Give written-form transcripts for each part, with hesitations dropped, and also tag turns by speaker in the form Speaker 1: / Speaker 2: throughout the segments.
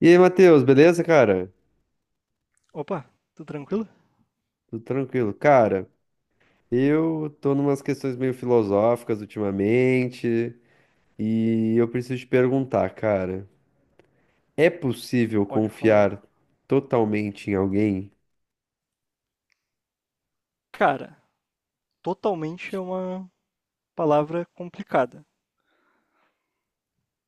Speaker 1: E aí, Matheus, beleza, cara?
Speaker 2: Opa, tudo tranquilo?
Speaker 1: Tudo tranquilo. Cara, eu tô numas questões meio filosóficas ultimamente e eu preciso te perguntar, cara, é possível
Speaker 2: Pode falar.
Speaker 1: confiar totalmente em alguém?
Speaker 2: Cara, totalmente é uma palavra complicada.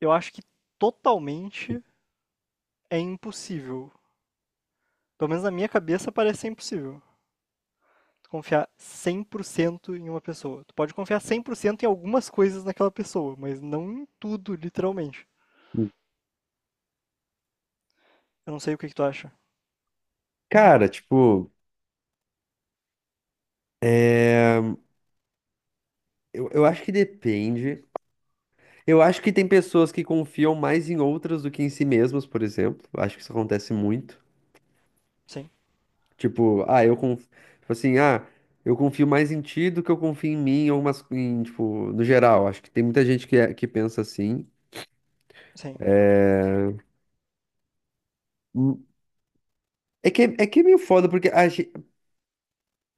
Speaker 2: Eu acho que totalmente é impossível. Pelo menos na minha cabeça parece ser impossível. Tu confiar 100% em uma pessoa. Tu pode confiar 100% em algumas coisas naquela pessoa, mas não em tudo, literalmente. Eu não sei o que que tu acha.
Speaker 1: Cara, tipo, é... eu acho que depende. Eu acho que tem pessoas que confiam mais em outras do que em si mesmas, por exemplo. Acho que isso acontece muito.
Speaker 2: Sim,
Speaker 1: Tipo, ah, eu confio tipo assim, ah, eu confio mais em ti do que eu confio em mim, ou em, tipo, no geral. Acho que tem muita gente que que pensa assim.
Speaker 2: sim,
Speaker 1: Hum. É que é meio foda, porque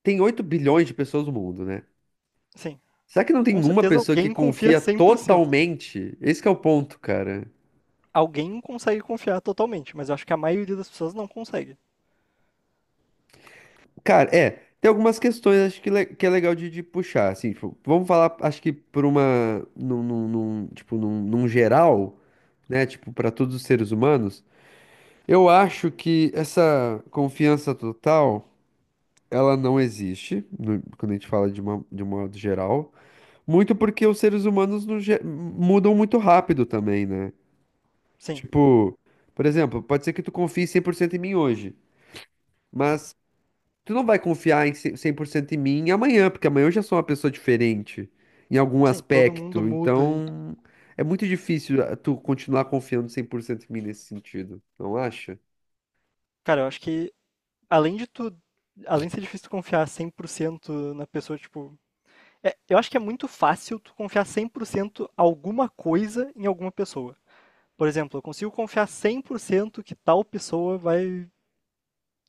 Speaker 1: tem 8 bilhões de pessoas no mundo, né?
Speaker 2: sim.
Speaker 1: Será que não
Speaker 2: Com
Speaker 1: tem uma
Speaker 2: certeza
Speaker 1: pessoa que
Speaker 2: alguém confia
Speaker 1: confia
Speaker 2: 100%.
Speaker 1: totalmente? Esse que é o ponto, cara.
Speaker 2: Alguém consegue confiar totalmente, mas eu acho que a maioria das pessoas não consegue.
Speaker 1: Cara, tem algumas questões acho que que é legal de puxar, assim, tipo, vamos falar, acho que por uma, tipo, num geral, né, tipo, para todos os seres humanos. Eu acho que essa confiança total, ela não existe quando a gente fala de uma, de um modo geral. Muito porque os seres humanos no ge- mudam muito rápido também, né?
Speaker 2: Sim,
Speaker 1: Tipo, por exemplo, pode ser que tu confie 100% em mim hoje, mas tu não vai confiar em 100% em mim amanhã, porque amanhã eu já sou uma pessoa diferente em algum
Speaker 2: sim, todo mundo
Speaker 1: aspecto.
Speaker 2: muda.
Speaker 1: Então, é muito difícil tu continuar confiando 100% em mim nesse sentido, não acha?
Speaker 2: Cara, eu acho que além de tu, além de ser difícil tu confiar 100% na pessoa, tipo, é eu acho que é muito fácil tu confiar 100% alguma coisa em alguma pessoa. Por exemplo, eu consigo confiar 100% que tal pessoa vai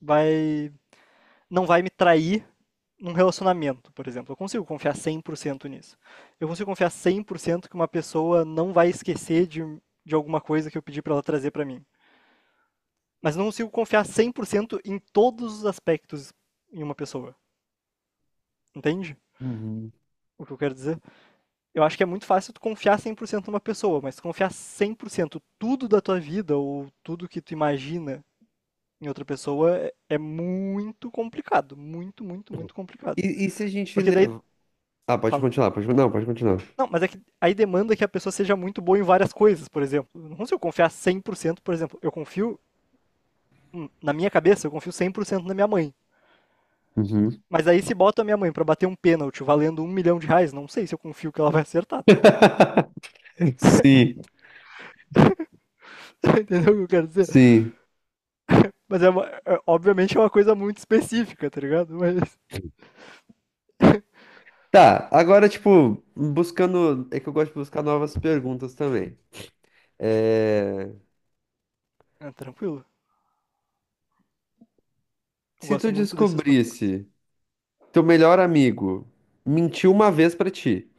Speaker 2: vai não vai me trair num relacionamento, por exemplo. Eu consigo confiar 100% nisso. Eu consigo confiar 100% que uma pessoa não vai esquecer de alguma coisa que eu pedi pra ela trazer pra mim. Mas não consigo confiar 100% em todos os aspectos em uma pessoa. Entende
Speaker 1: Uhum.
Speaker 2: o que eu quero dizer? Eu acho que é muito fácil tu confiar 100% numa pessoa, mas confiar 100% tudo da tua vida ou tudo que tu imagina em outra pessoa é muito complicado. Muito, muito, muito complicado.
Speaker 1: E, e se a gente
Speaker 2: Porque daí.
Speaker 1: levar. Ah, pode
Speaker 2: Fala.
Speaker 1: continuar, pode, não, pode continuar.
Speaker 2: Não, mas é que aí demanda que a pessoa seja muito boa em várias coisas, por exemplo. Eu não consigo confiar cem por cento, por exemplo. Eu confio, na minha cabeça, eu confio 100% na minha mãe.
Speaker 1: Uhum.
Speaker 2: Mas aí se bota a minha mãe pra bater um pênalti valendo R$ 1 milhão, não sei se eu confio que ela vai acertar, tá ligado?
Speaker 1: Sim,
Speaker 2: Entendeu o que eu quero dizer?
Speaker 1: sim.
Speaker 2: Mas é, obviamente é uma coisa muito específica, tá ligado? Mas
Speaker 1: Tá, agora, tipo, buscando. É que eu gosto de buscar novas perguntas também. É...
Speaker 2: é tranquilo. Eu
Speaker 1: Se tu
Speaker 2: gosto muito desses tópicos,
Speaker 1: descobrisse teu melhor amigo mentiu uma vez pra ti,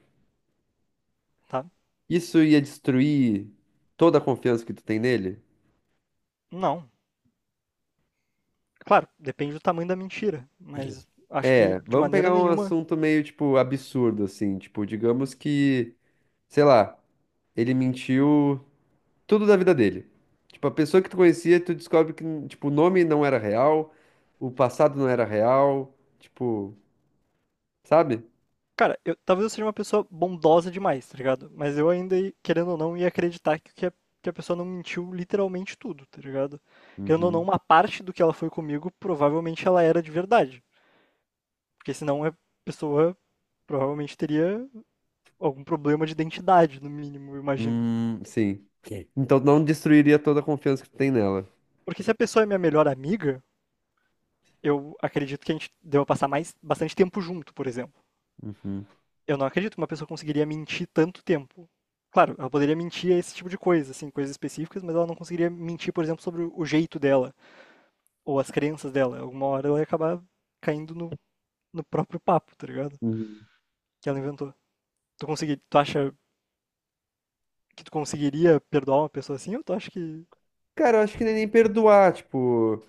Speaker 2: tá?
Speaker 1: isso ia destruir toda a confiança que tu tem nele?
Speaker 2: Não. Claro, depende do tamanho da mentira, mas acho que
Speaker 1: É,
Speaker 2: de
Speaker 1: vamos
Speaker 2: maneira
Speaker 1: pegar um
Speaker 2: nenhuma.
Speaker 1: assunto meio, tipo, absurdo, assim. Tipo, digamos que, sei lá, ele mentiu tudo da vida dele. Tipo, a pessoa que tu conhecia, tu descobre que, tipo, o nome não era real, o passado não era real, tipo, sabe?
Speaker 2: Cara, eu, talvez eu seja uma pessoa bondosa demais, tá ligado? Mas eu ainda, querendo ou não, ia acreditar que a pessoa não mentiu literalmente tudo, tá ligado? Querendo ou não,
Speaker 1: Uhum.
Speaker 2: uma parte do que ela foi comigo, provavelmente ela era de verdade. Porque senão a pessoa provavelmente teria algum problema de identidade, no mínimo, eu imagino.
Speaker 1: Sim. Ok. Então não destruiria toda a confiança que tu tem nela.
Speaker 2: Porque se a pessoa é minha melhor amiga, eu acredito que a gente deva passar mais bastante tempo junto, por exemplo.
Speaker 1: Uhum.
Speaker 2: Eu não acredito que uma pessoa conseguiria mentir tanto tempo. Claro, ela poderia mentir a esse tipo de coisa, assim, coisas específicas, mas ela não conseguiria mentir, por exemplo, sobre o jeito dela, ou as crenças dela. Alguma hora ela ia acabar caindo no próprio papo, tá ligado?
Speaker 1: Uhum.
Speaker 2: Que ela inventou. Tu acha que tu conseguiria perdoar uma pessoa assim, ou tu acha que.
Speaker 1: Cara, eu acho que nem perdoar, tipo,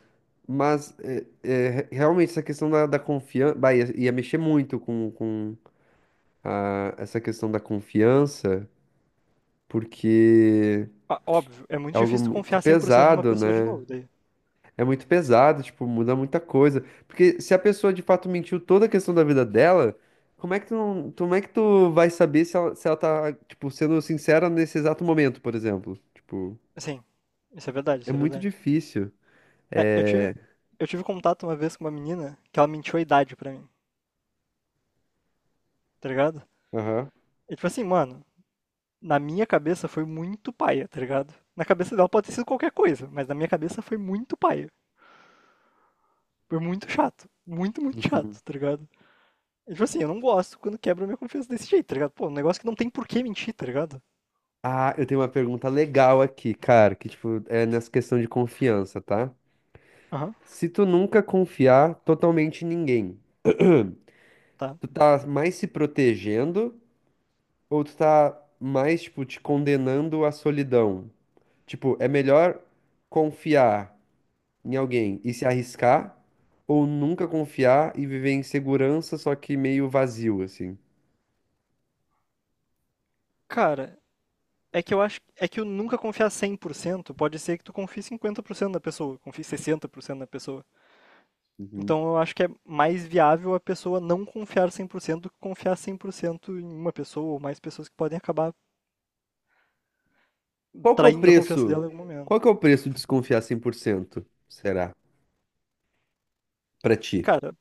Speaker 1: mas realmente essa questão da confiança, bah, ia mexer muito com essa questão da confiança, porque
Speaker 2: Ah, óbvio, é muito
Speaker 1: é algo
Speaker 2: difícil tu
Speaker 1: muito
Speaker 2: confiar 100% numa
Speaker 1: pesado,
Speaker 2: pessoa de
Speaker 1: né?
Speaker 2: novo, daí.
Speaker 1: É muito pesado, tipo, muda muita coisa. Porque se a pessoa de fato mentiu toda a questão da vida dela, como é que tu não, como é que tu vai saber se ela tá, tipo, sendo sincera nesse exato momento, por exemplo? Tipo,
Speaker 2: Assim, isso é verdade,
Speaker 1: é
Speaker 2: isso é
Speaker 1: muito
Speaker 2: verdade.
Speaker 1: difícil.
Speaker 2: É, eu tive contato uma vez com uma menina que ela mentiu a idade pra mim, tá ligado?
Speaker 1: Aham.
Speaker 2: E tipo assim, mano, na minha cabeça foi muito paia, tá ligado? Na cabeça dela pode ter sido qualquer coisa, mas na minha cabeça foi muito paia. Foi muito chato. Muito, muito
Speaker 1: Uhum.
Speaker 2: chato, tá ligado? E, tipo assim, eu não gosto quando quebra minha confiança desse jeito, tá ligado? Pô, um negócio que não tem por que mentir, tá ligado?
Speaker 1: Ah, eu tenho uma pergunta legal aqui, cara, que, tipo, é nessa questão de confiança, tá?
Speaker 2: Aham,
Speaker 1: Se tu nunca confiar totalmente em ninguém,
Speaker 2: tá.
Speaker 1: tu tá mais se protegendo ou tu tá mais, tipo, te condenando à solidão? Tipo, é melhor confiar em alguém e se arriscar, ou nunca confiar e viver em segurança, só que meio vazio, assim.
Speaker 2: Cara, é que eu acho. É que eu nunca confiar 100% pode ser que tu confie 50% na pessoa, confie 60% na pessoa.
Speaker 1: Uhum.
Speaker 2: Então eu acho que é mais viável a pessoa não confiar 100% do que confiar 100% em uma pessoa ou mais pessoas que podem acabar
Speaker 1: Qual que é o
Speaker 2: traindo a confiança dela
Speaker 1: preço?
Speaker 2: em algum
Speaker 1: Qual
Speaker 2: momento.
Speaker 1: que é o preço de desconfiar 100%? Será, pra ti?
Speaker 2: Cara,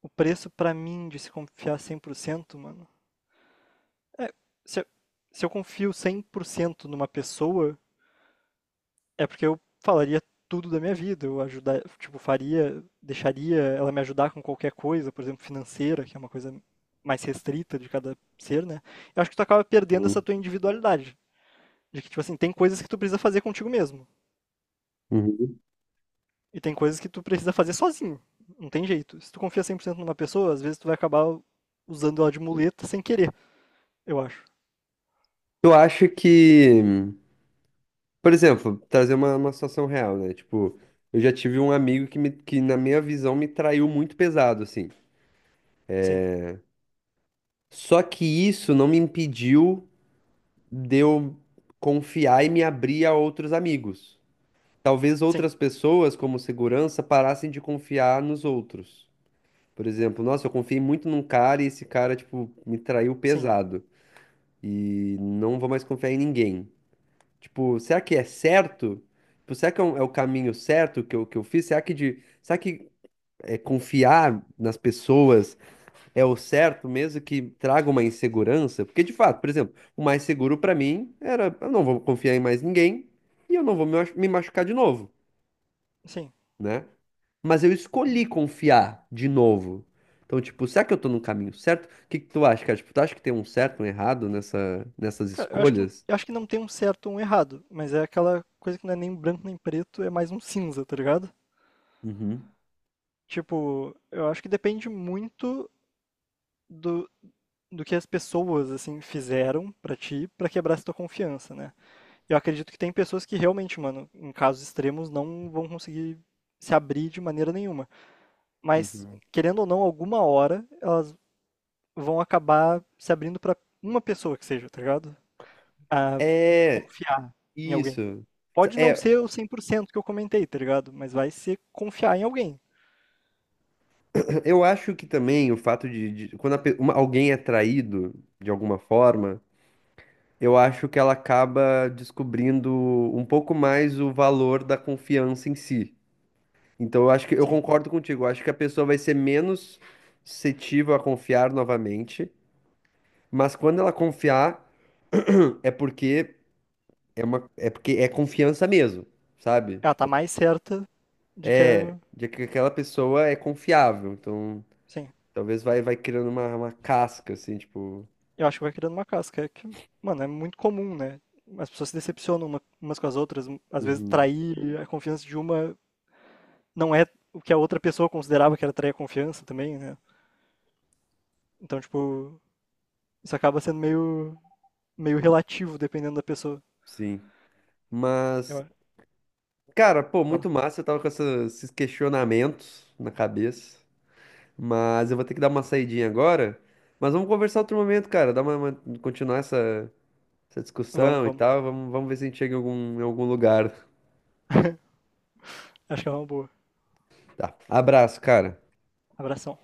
Speaker 2: o preço pra mim de se confiar 100% mano, é se eu, se eu confio 100% numa pessoa, é porque eu falaria tudo da minha vida, eu ajudar, tipo, faria, deixaria ela me ajudar com qualquer coisa, por exemplo, financeira, que é uma coisa mais restrita de cada ser, né? Eu acho que tu acaba perdendo essa
Speaker 1: Uhum.
Speaker 2: tua individualidade. De que, tipo assim, tem coisas que tu precisa fazer contigo mesmo.
Speaker 1: Uhum.
Speaker 2: E tem coisas que tu precisa fazer sozinho. Não tem jeito. Se tu confia 100% numa pessoa, às vezes tu vai acabar usando ela de muleta sem querer, eu acho.
Speaker 1: Eu acho que, por exemplo, trazer uma situação real, né? Tipo, eu já tive um amigo que, na minha visão, me traiu muito pesado, assim.
Speaker 2: Sim,
Speaker 1: Só que isso não me impediu de eu confiar e me abrir a outros amigos. Talvez
Speaker 2: sim,
Speaker 1: outras pessoas, como segurança, parassem de confiar nos outros. Por exemplo, nossa, eu confiei muito num cara e esse cara, tipo, me traiu
Speaker 2: sim,
Speaker 1: pesado. E não vou mais confiar em ninguém. Tipo, será que é certo? Tipo, será que é o caminho certo que eu fiz? Será que é, confiar nas pessoas é o certo, mesmo que traga uma insegurança, porque de fato, por exemplo, o mais seguro pra mim era eu não vou confiar em mais ninguém e eu não vou me machucar de novo,
Speaker 2: sim.
Speaker 1: né? Mas eu escolhi confiar de novo. Então, tipo, será que eu tô no caminho certo? O que que tu acha, cara? Tipo, tu acha que tem um certo, um errado nessas
Speaker 2: Cara, eu acho que,
Speaker 1: escolhas?
Speaker 2: eu acho que não tem um certo ou um errado, mas é aquela coisa que não é nem branco nem preto, é mais um cinza, tá ligado?
Speaker 1: Uhum,
Speaker 2: Tipo, eu acho que depende muito do, do que as pessoas, assim, fizeram pra ti pra quebrar essa tua confiança, né? Eu acredito que tem pessoas que realmente, mano, em casos extremos, não vão conseguir se abrir de maneira nenhuma. Mas,
Speaker 1: uhum.
Speaker 2: querendo ou não, alguma hora elas vão acabar se abrindo pra uma pessoa que seja, tá ligado? A
Speaker 1: É,
Speaker 2: confiar em alguém.
Speaker 1: isso.
Speaker 2: Pode não
Speaker 1: É,
Speaker 2: ser o 100% que eu comentei, tá ligado? Mas vai ser confiar em alguém.
Speaker 1: eu acho que também o fato de quando alguém é traído de alguma forma, eu acho que ela acaba descobrindo um pouco mais o valor da confiança em si. Então, eu acho que eu
Speaker 2: Sim.
Speaker 1: concordo contigo. Eu acho que a pessoa vai ser menos suscetível a confiar novamente, mas quando ela confiar, é porque é porque é confiança mesmo, sabe?
Speaker 2: Ela tá
Speaker 1: Tipo,
Speaker 2: mais certa de que é.
Speaker 1: de que aquela pessoa é confiável. Então,
Speaker 2: Sim.
Speaker 1: talvez vai criando uma casca, assim, tipo.
Speaker 2: Eu acho que vai criando uma casca. É que, mano, é muito comum, né? As pessoas se decepcionam umas com as outras. Às vezes
Speaker 1: Uhum.
Speaker 2: trair a confiança de uma não é o que a outra pessoa considerava que era trair a confiança também, né? Então, tipo, isso acaba sendo meio relativo, dependendo da pessoa.
Speaker 1: Sim. Mas
Speaker 2: Eu-
Speaker 1: cara, pô, muito
Speaker 2: Fala.
Speaker 1: massa. Eu tava com esses questionamentos na cabeça. Mas eu vou ter que dar uma saidinha agora. Mas vamos conversar outro momento, cara. Dar continuar essa
Speaker 2: Vamos,
Speaker 1: discussão e
Speaker 2: vamos.
Speaker 1: tal. Vamos ver se a gente chega em algum lugar.
Speaker 2: Acho que é uma boa.
Speaker 1: Tá. Abraço, cara.
Speaker 2: Abração.